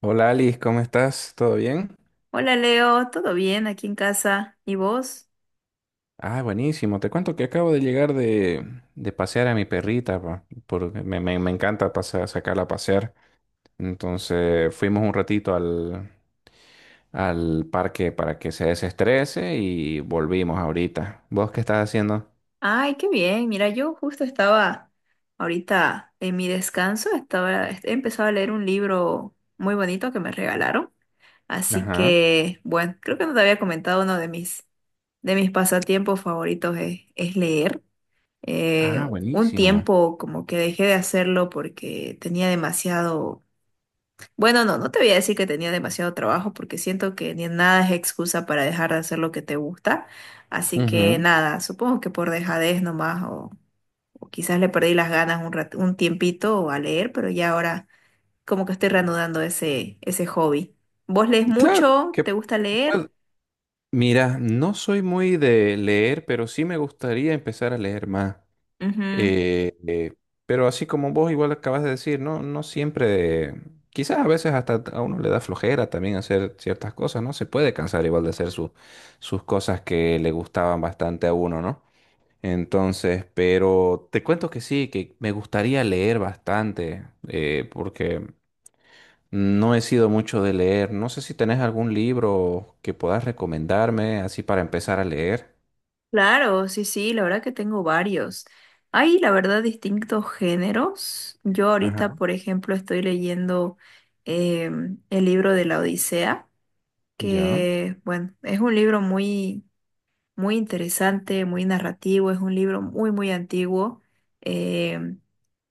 Hola Alice, ¿cómo estás? ¿Todo bien? Hola Leo, ¿todo bien aquí en casa? ¿Y vos? Ah, buenísimo. Te cuento que acabo de llegar de pasear a mi perrita, pa, porque me encanta pasear, sacarla a pasear. Entonces fuimos un ratito al parque para que se desestrese y volvimos ahorita. ¿Vos qué estás haciendo? Ay, qué bien. Mira, yo justo estaba ahorita en mi descanso, estaba, he empezado a leer un libro muy bonito que me regalaron. Así Ajá. que, bueno, creo que no te había comentado uno de de mis pasatiempos favoritos es leer. Eh, Ah, un buenísimo. tiempo como que dejé de hacerlo porque tenía demasiado. Bueno, no, no te voy a decir que tenía demasiado trabajo porque siento que ni nada es excusa para dejar de hacer lo que te gusta. Así que Ujú. nada, supongo que por dejadez nomás o quizás le perdí las ganas un tiempito a leer, pero ya ahora como que estoy reanudando ese hobby. ¿Vos lees Claro mucho? ¿Te que gusta leer? pues, mira, no soy muy de leer, pero sí me gustaría empezar a leer más. Ujú. Eh, eh, pero así como vos igual acabas de decir, no, no siempre, quizás a veces hasta a uno le da flojera también hacer ciertas cosas, ¿no? Se puede cansar igual de hacer sus cosas que le gustaban bastante a uno, ¿no? Entonces, pero te cuento que sí, que me gustaría leer bastante, porque no he sido mucho de leer. No sé si tenés algún libro que puedas recomendarme así para empezar a leer. Claro, sí, sí, la verdad que tengo varios. Hay, la verdad, distintos géneros. Yo Ajá. ahorita, por ejemplo, estoy leyendo el libro de la Odisea, Ya. que, bueno, es un libro muy interesante, muy narrativo, es un libro muy antiguo. Em,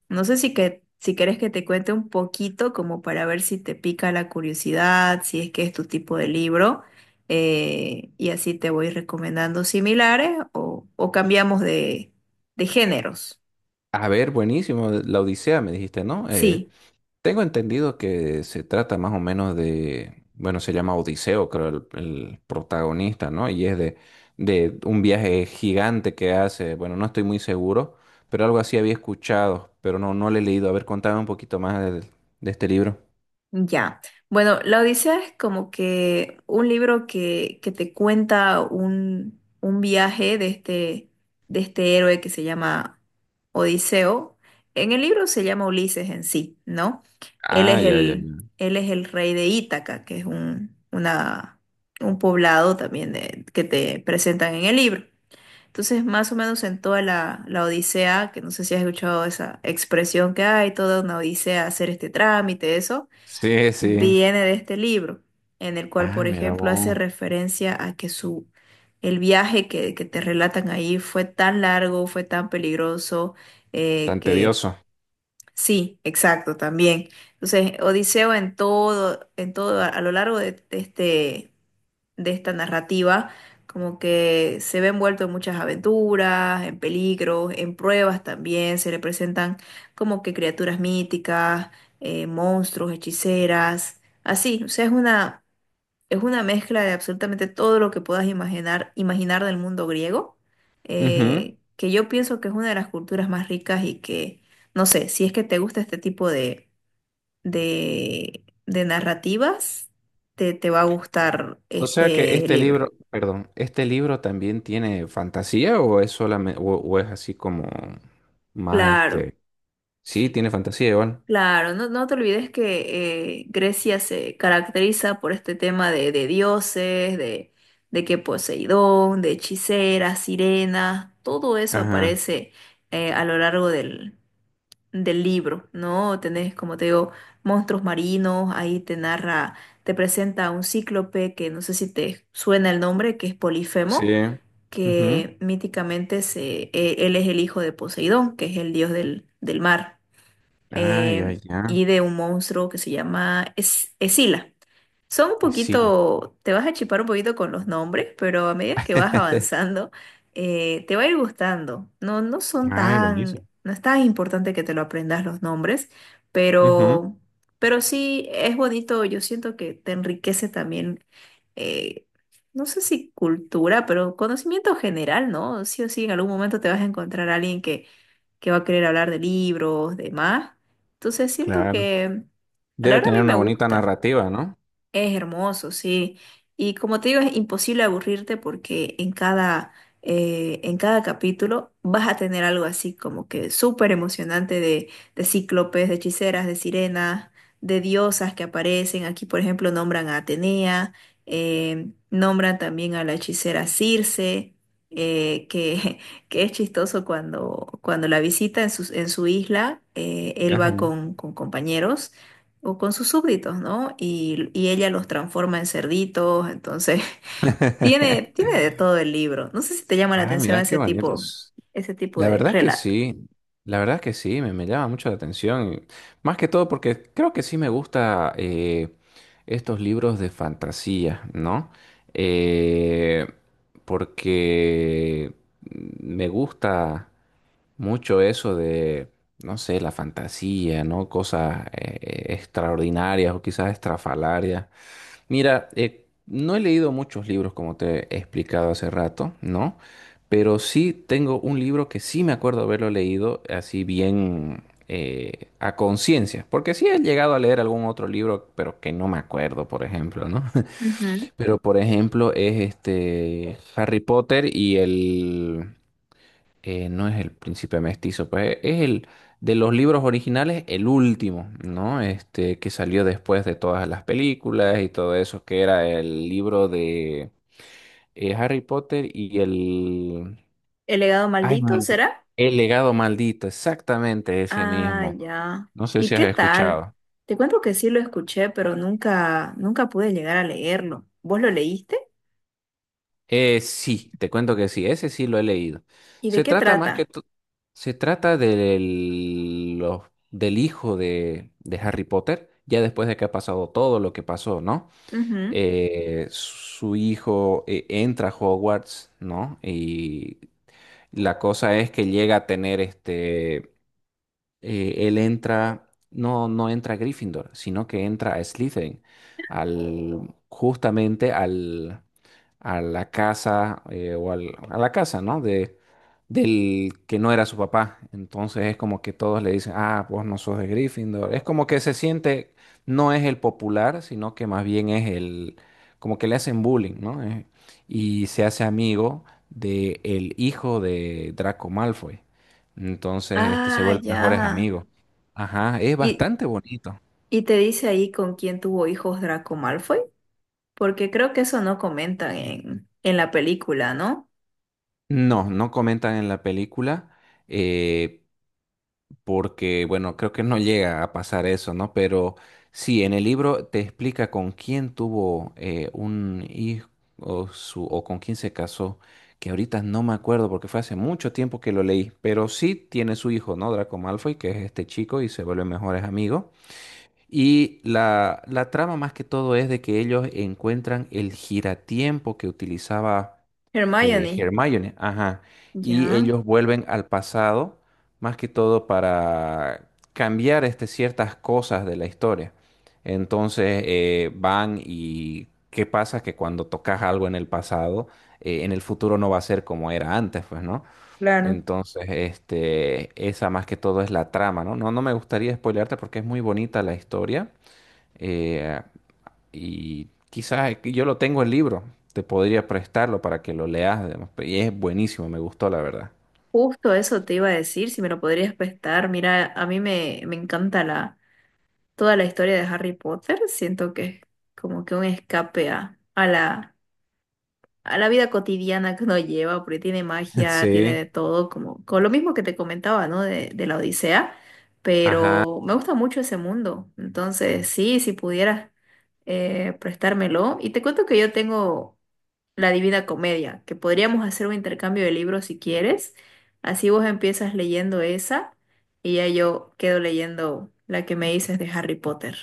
no sé si querés que te cuente un poquito como para ver si te pica la curiosidad, si es que es tu tipo de libro, y así te voy recomendando similares o cambiamos de géneros. A ver, buenísimo. La Odisea, me dijiste, ¿no? Sí. tengo entendido que se trata más o menos de, bueno, se llama Odiseo, creo, el protagonista, ¿no? Y es de un viaje gigante que hace, bueno, no estoy muy seguro, pero algo así había escuchado, pero no lo he leído. A ver, contame un poquito más de este libro. Ya. Bueno, La Odisea es como que un libro que te cuenta un viaje de este héroe que se llama Odiseo. En el libro se llama Ulises en sí, ¿no? Él Ah, es ya, ya, el, ya. él es el rey de Ítaca, que es un poblado también de- que te presentan en el libro. Entonces, más o menos en toda la odisea, que no sé si has escuchado esa expresión que hay, toda una odisea hacer este trámite, eso Sí, sí. viene de este libro, en el cual, Ah, por mira ejemplo, hace vos, referencia a que su, el viaje que te relatan ahí fue tan largo, fue tan peligroso, tan que tedioso. sí, exacto, también. Entonces, Odiseo en todo, a lo largo de este de esta narrativa, como que se ve envuelto en muchas aventuras, en peligros, en pruebas también, se le presentan como que criaturas míticas, monstruos, hechiceras, así, o sea, es una mezcla de absolutamente todo lo que puedas imaginar, imaginar del mundo griego, Ujú. Que yo pienso que es una de las culturas más ricas y que, no sé, si es que te gusta este tipo de narrativas, te va a gustar O sea que este este libro. libro, perdón, ¿este libro también tiene fantasía o es solamente, o es así como más Claro, este... Sí, tiene fantasía igual. claro, no, no te olvides que Grecia se caracteriza por este tema de dioses, de que Poseidón, de hechiceras, sirenas, todo eso Ajá. aparece a lo largo del libro, ¿no? Tenés, como te digo, monstruos marinos, ahí te narra, te presenta a un cíclope que no sé si te suena el nombre, que es Sí. Polifemo, Ujú. que míticamente se, él es el hijo de Poseidón, que es el dios del mar. Ay, ay, eh, ya. y de un monstruo que se llama Es- Escila. Son un Sí, la... poquito, te vas a chipar un poquito con los nombres, pero a medida que vas avanzando, te va a ir gustando. Ay, buenísimo. No es tan importante que te lo aprendas los nombres, Ujú. pero, pero sí es bonito. Yo siento que te enriquece también, eh, no sé si cultura, pero conocimiento general, ¿no? Sí o sí, en algún momento te vas a encontrar a alguien que va a querer hablar de libros, de más. Entonces siento Claro. que a la Debe hora a tener mí me una bonita gusta. narrativa, ¿no? Es hermoso, sí. Y como te digo, es imposible aburrirte porque en cada capítulo vas a tener algo así como que súper emocionante de cíclopes, de hechiceras, de sirenas, de diosas que aparecen. Aquí, por ejemplo, nombran a Atenea, nombran también a la hechicera Circe, que, que es chistoso cuando la visita en su isla, él va Ajá. Con compañeros o con sus súbditos, ¿no? Y ella los transforma en cerditos, entonces tiene, tiene de todo el libro. No sé si te llama la Ay, atención mira qué bonitos. ese tipo La de verdad que relato. sí. La verdad que sí, me llama mucho la atención. Más que todo porque creo que sí me gusta estos libros de fantasía, ¿no? Eh, porque me gusta mucho eso de, no sé, la fantasía, ¿no? Cosas extraordinarias o quizás estrafalarias. Mira, no he leído muchos libros como te he explicado hace rato, ¿no? Pero sí tengo un libro que sí me acuerdo haberlo leído así bien a conciencia, porque sí he llegado a leer algún otro libro, pero que no me acuerdo, por ejemplo, ¿no? Ujú. Pero por ejemplo es este Harry Potter y el no es el príncipe mestizo, pues es el de los libros originales, el último, ¿no? Este que salió después de todas las películas y todo eso, que era el libro de Harry Potter y el... ¿El legado Ay, me maldito olvidé. será? El legado maldito, exactamente ese Ah, mismo. ya. No sé ¿Y si has qué tal? escuchado. Te cuento que sí lo escuché, pero nunca, nunca pude llegar a leerlo. ¿Vos lo leíste? Sí, te cuento que sí, ese sí lo he leído. ¿Y de Se qué trata más que trata? Se trata del hijo de Harry Potter, ya después de que ha pasado todo lo que pasó, ¿no? Ujú. Su hijo entra a Hogwarts, ¿no? Y la cosa es que llega a tener este, él entra, no, no entra a Gryffindor, sino que entra a Slytherin, al, justamente al a la casa a la casa, ¿no? De, del que no era su papá. Entonces es como que todos le dicen, ah, vos no sos de Gryffindor. Es como que se siente, no es el popular, sino que más bien es el, como que le hacen bullying, ¿no? Y se hace amigo de el hijo de Draco Malfoy. Entonces, este, se Ah, vuelven ya. mejores amigos. Ajá, es ¿Y, bastante bonito. ¿Y te dice ahí con quién tuvo hijos Draco Malfoy? Porque creo que eso no comentan en la película, ¿no? No, no comentan en la película, eh, porque, bueno, creo que no llega a pasar eso, ¿no? Pero sí, en el libro te explica con quién tuvo un hijo o con quién se casó, que ahorita no me acuerdo porque fue hace mucho tiempo que lo leí, pero sí tiene su hijo, ¿no? Draco Malfoy, que es este chico y se vuelven mejores amigos. Y la trama más que todo es de que ellos encuentran el giratiempo que utilizaba Hermione, Hermione, ajá, y ya, ellos vuelven al pasado, más que todo para cambiar este, ciertas cosas de la historia. Entonces van y ¿qué pasa? Que cuando tocas algo en el pasado, en el futuro no va a ser como era antes, pues, ¿no? claro. Entonces, este, esa más que todo es la trama, ¿no? No, no me gustaría spoilearte porque es muy bonita la historia. eh, y quizás aquí yo lo tengo el libro, te podría prestarlo para que lo leas, digamos, y es buenísimo, me gustó la verdad. Justo eso te iba a decir, si me lo podrías prestar. Mira, a mí me encanta toda la historia de Harry Potter. Siento que es como que un escape a la vida cotidiana que uno lleva, porque tiene magia, tiene Sí, de todo, como con lo mismo que te comentaba, ¿no? De la Odisea, ajá. pero me gusta mucho ese mundo, entonces sí, si pudieras prestármelo. Y te cuento que yo tengo La Divina Comedia, que podríamos hacer un intercambio de libros si quieres, así vos empiezas leyendo esa y ya yo quedo leyendo la que me dices de Harry Potter.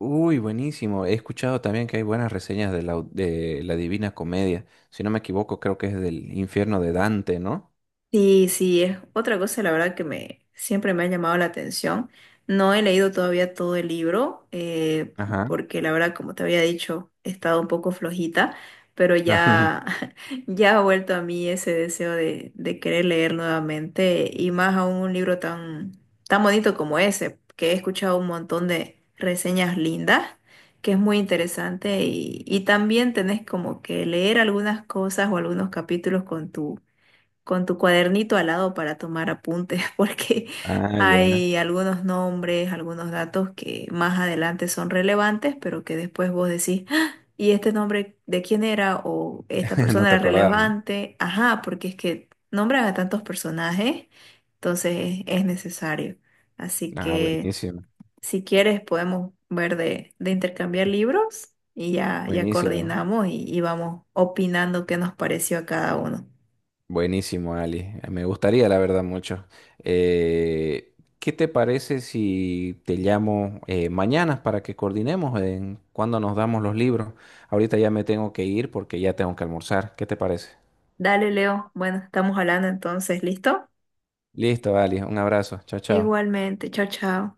Uy, buenísimo. He escuchado también que hay buenas reseñas de de la Divina Comedia. Si no me equivoco, creo que es del infierno de Dante, ¿no? Sí, sí, es otra cosa, la verdad, que me siempre me ha llamado la atención. No he leído todavía todo el libro, Ajá. porque la verdad, como te había dicho, he estado un poco flojita, pero ya, ya ha vuelto a mí ese deseo de querer leer nuevamente, y más aún un libro tan, tan bonito como ese, que he escuchado un montón de reseñas lindas, que es muy interesante, y también tenés como que leer algunas cosas o algunos capítulos con tu cuadernito al lado para tomar apuntes, porque Ah, ya. hay algunos nombres, algunos datos que más adelante son relevantes, pero que después vos decís, "Ah, ¿y este nombre de quién era? ¿O esta No persona te era acordás, ¿no? relevante?" Ajá, porque es que nombran a tantos personajes, entonces es necesario. Así Ah, que buenísimo. si quieres podemos ver de intercambiar libros y ya, ya Buenísimo. coordinamos y vamos opinando qué nos pareció a cada uno. Buenísimo, Ali. Me gustaría, la verdad, mucho. Eh, ¿Qué te parece si te llamo mañana para que coordinemos en cuándo nos damos los libros? Ahorita ya me tengo que ir porque ya tengo que almorzar. ¿Qué te parece? Dale, Leo. Bueno, estamos hablando entonces, ¿listo? Listo, Ali. Un abrazo. Chao, chao. Igualmente, chao, chao.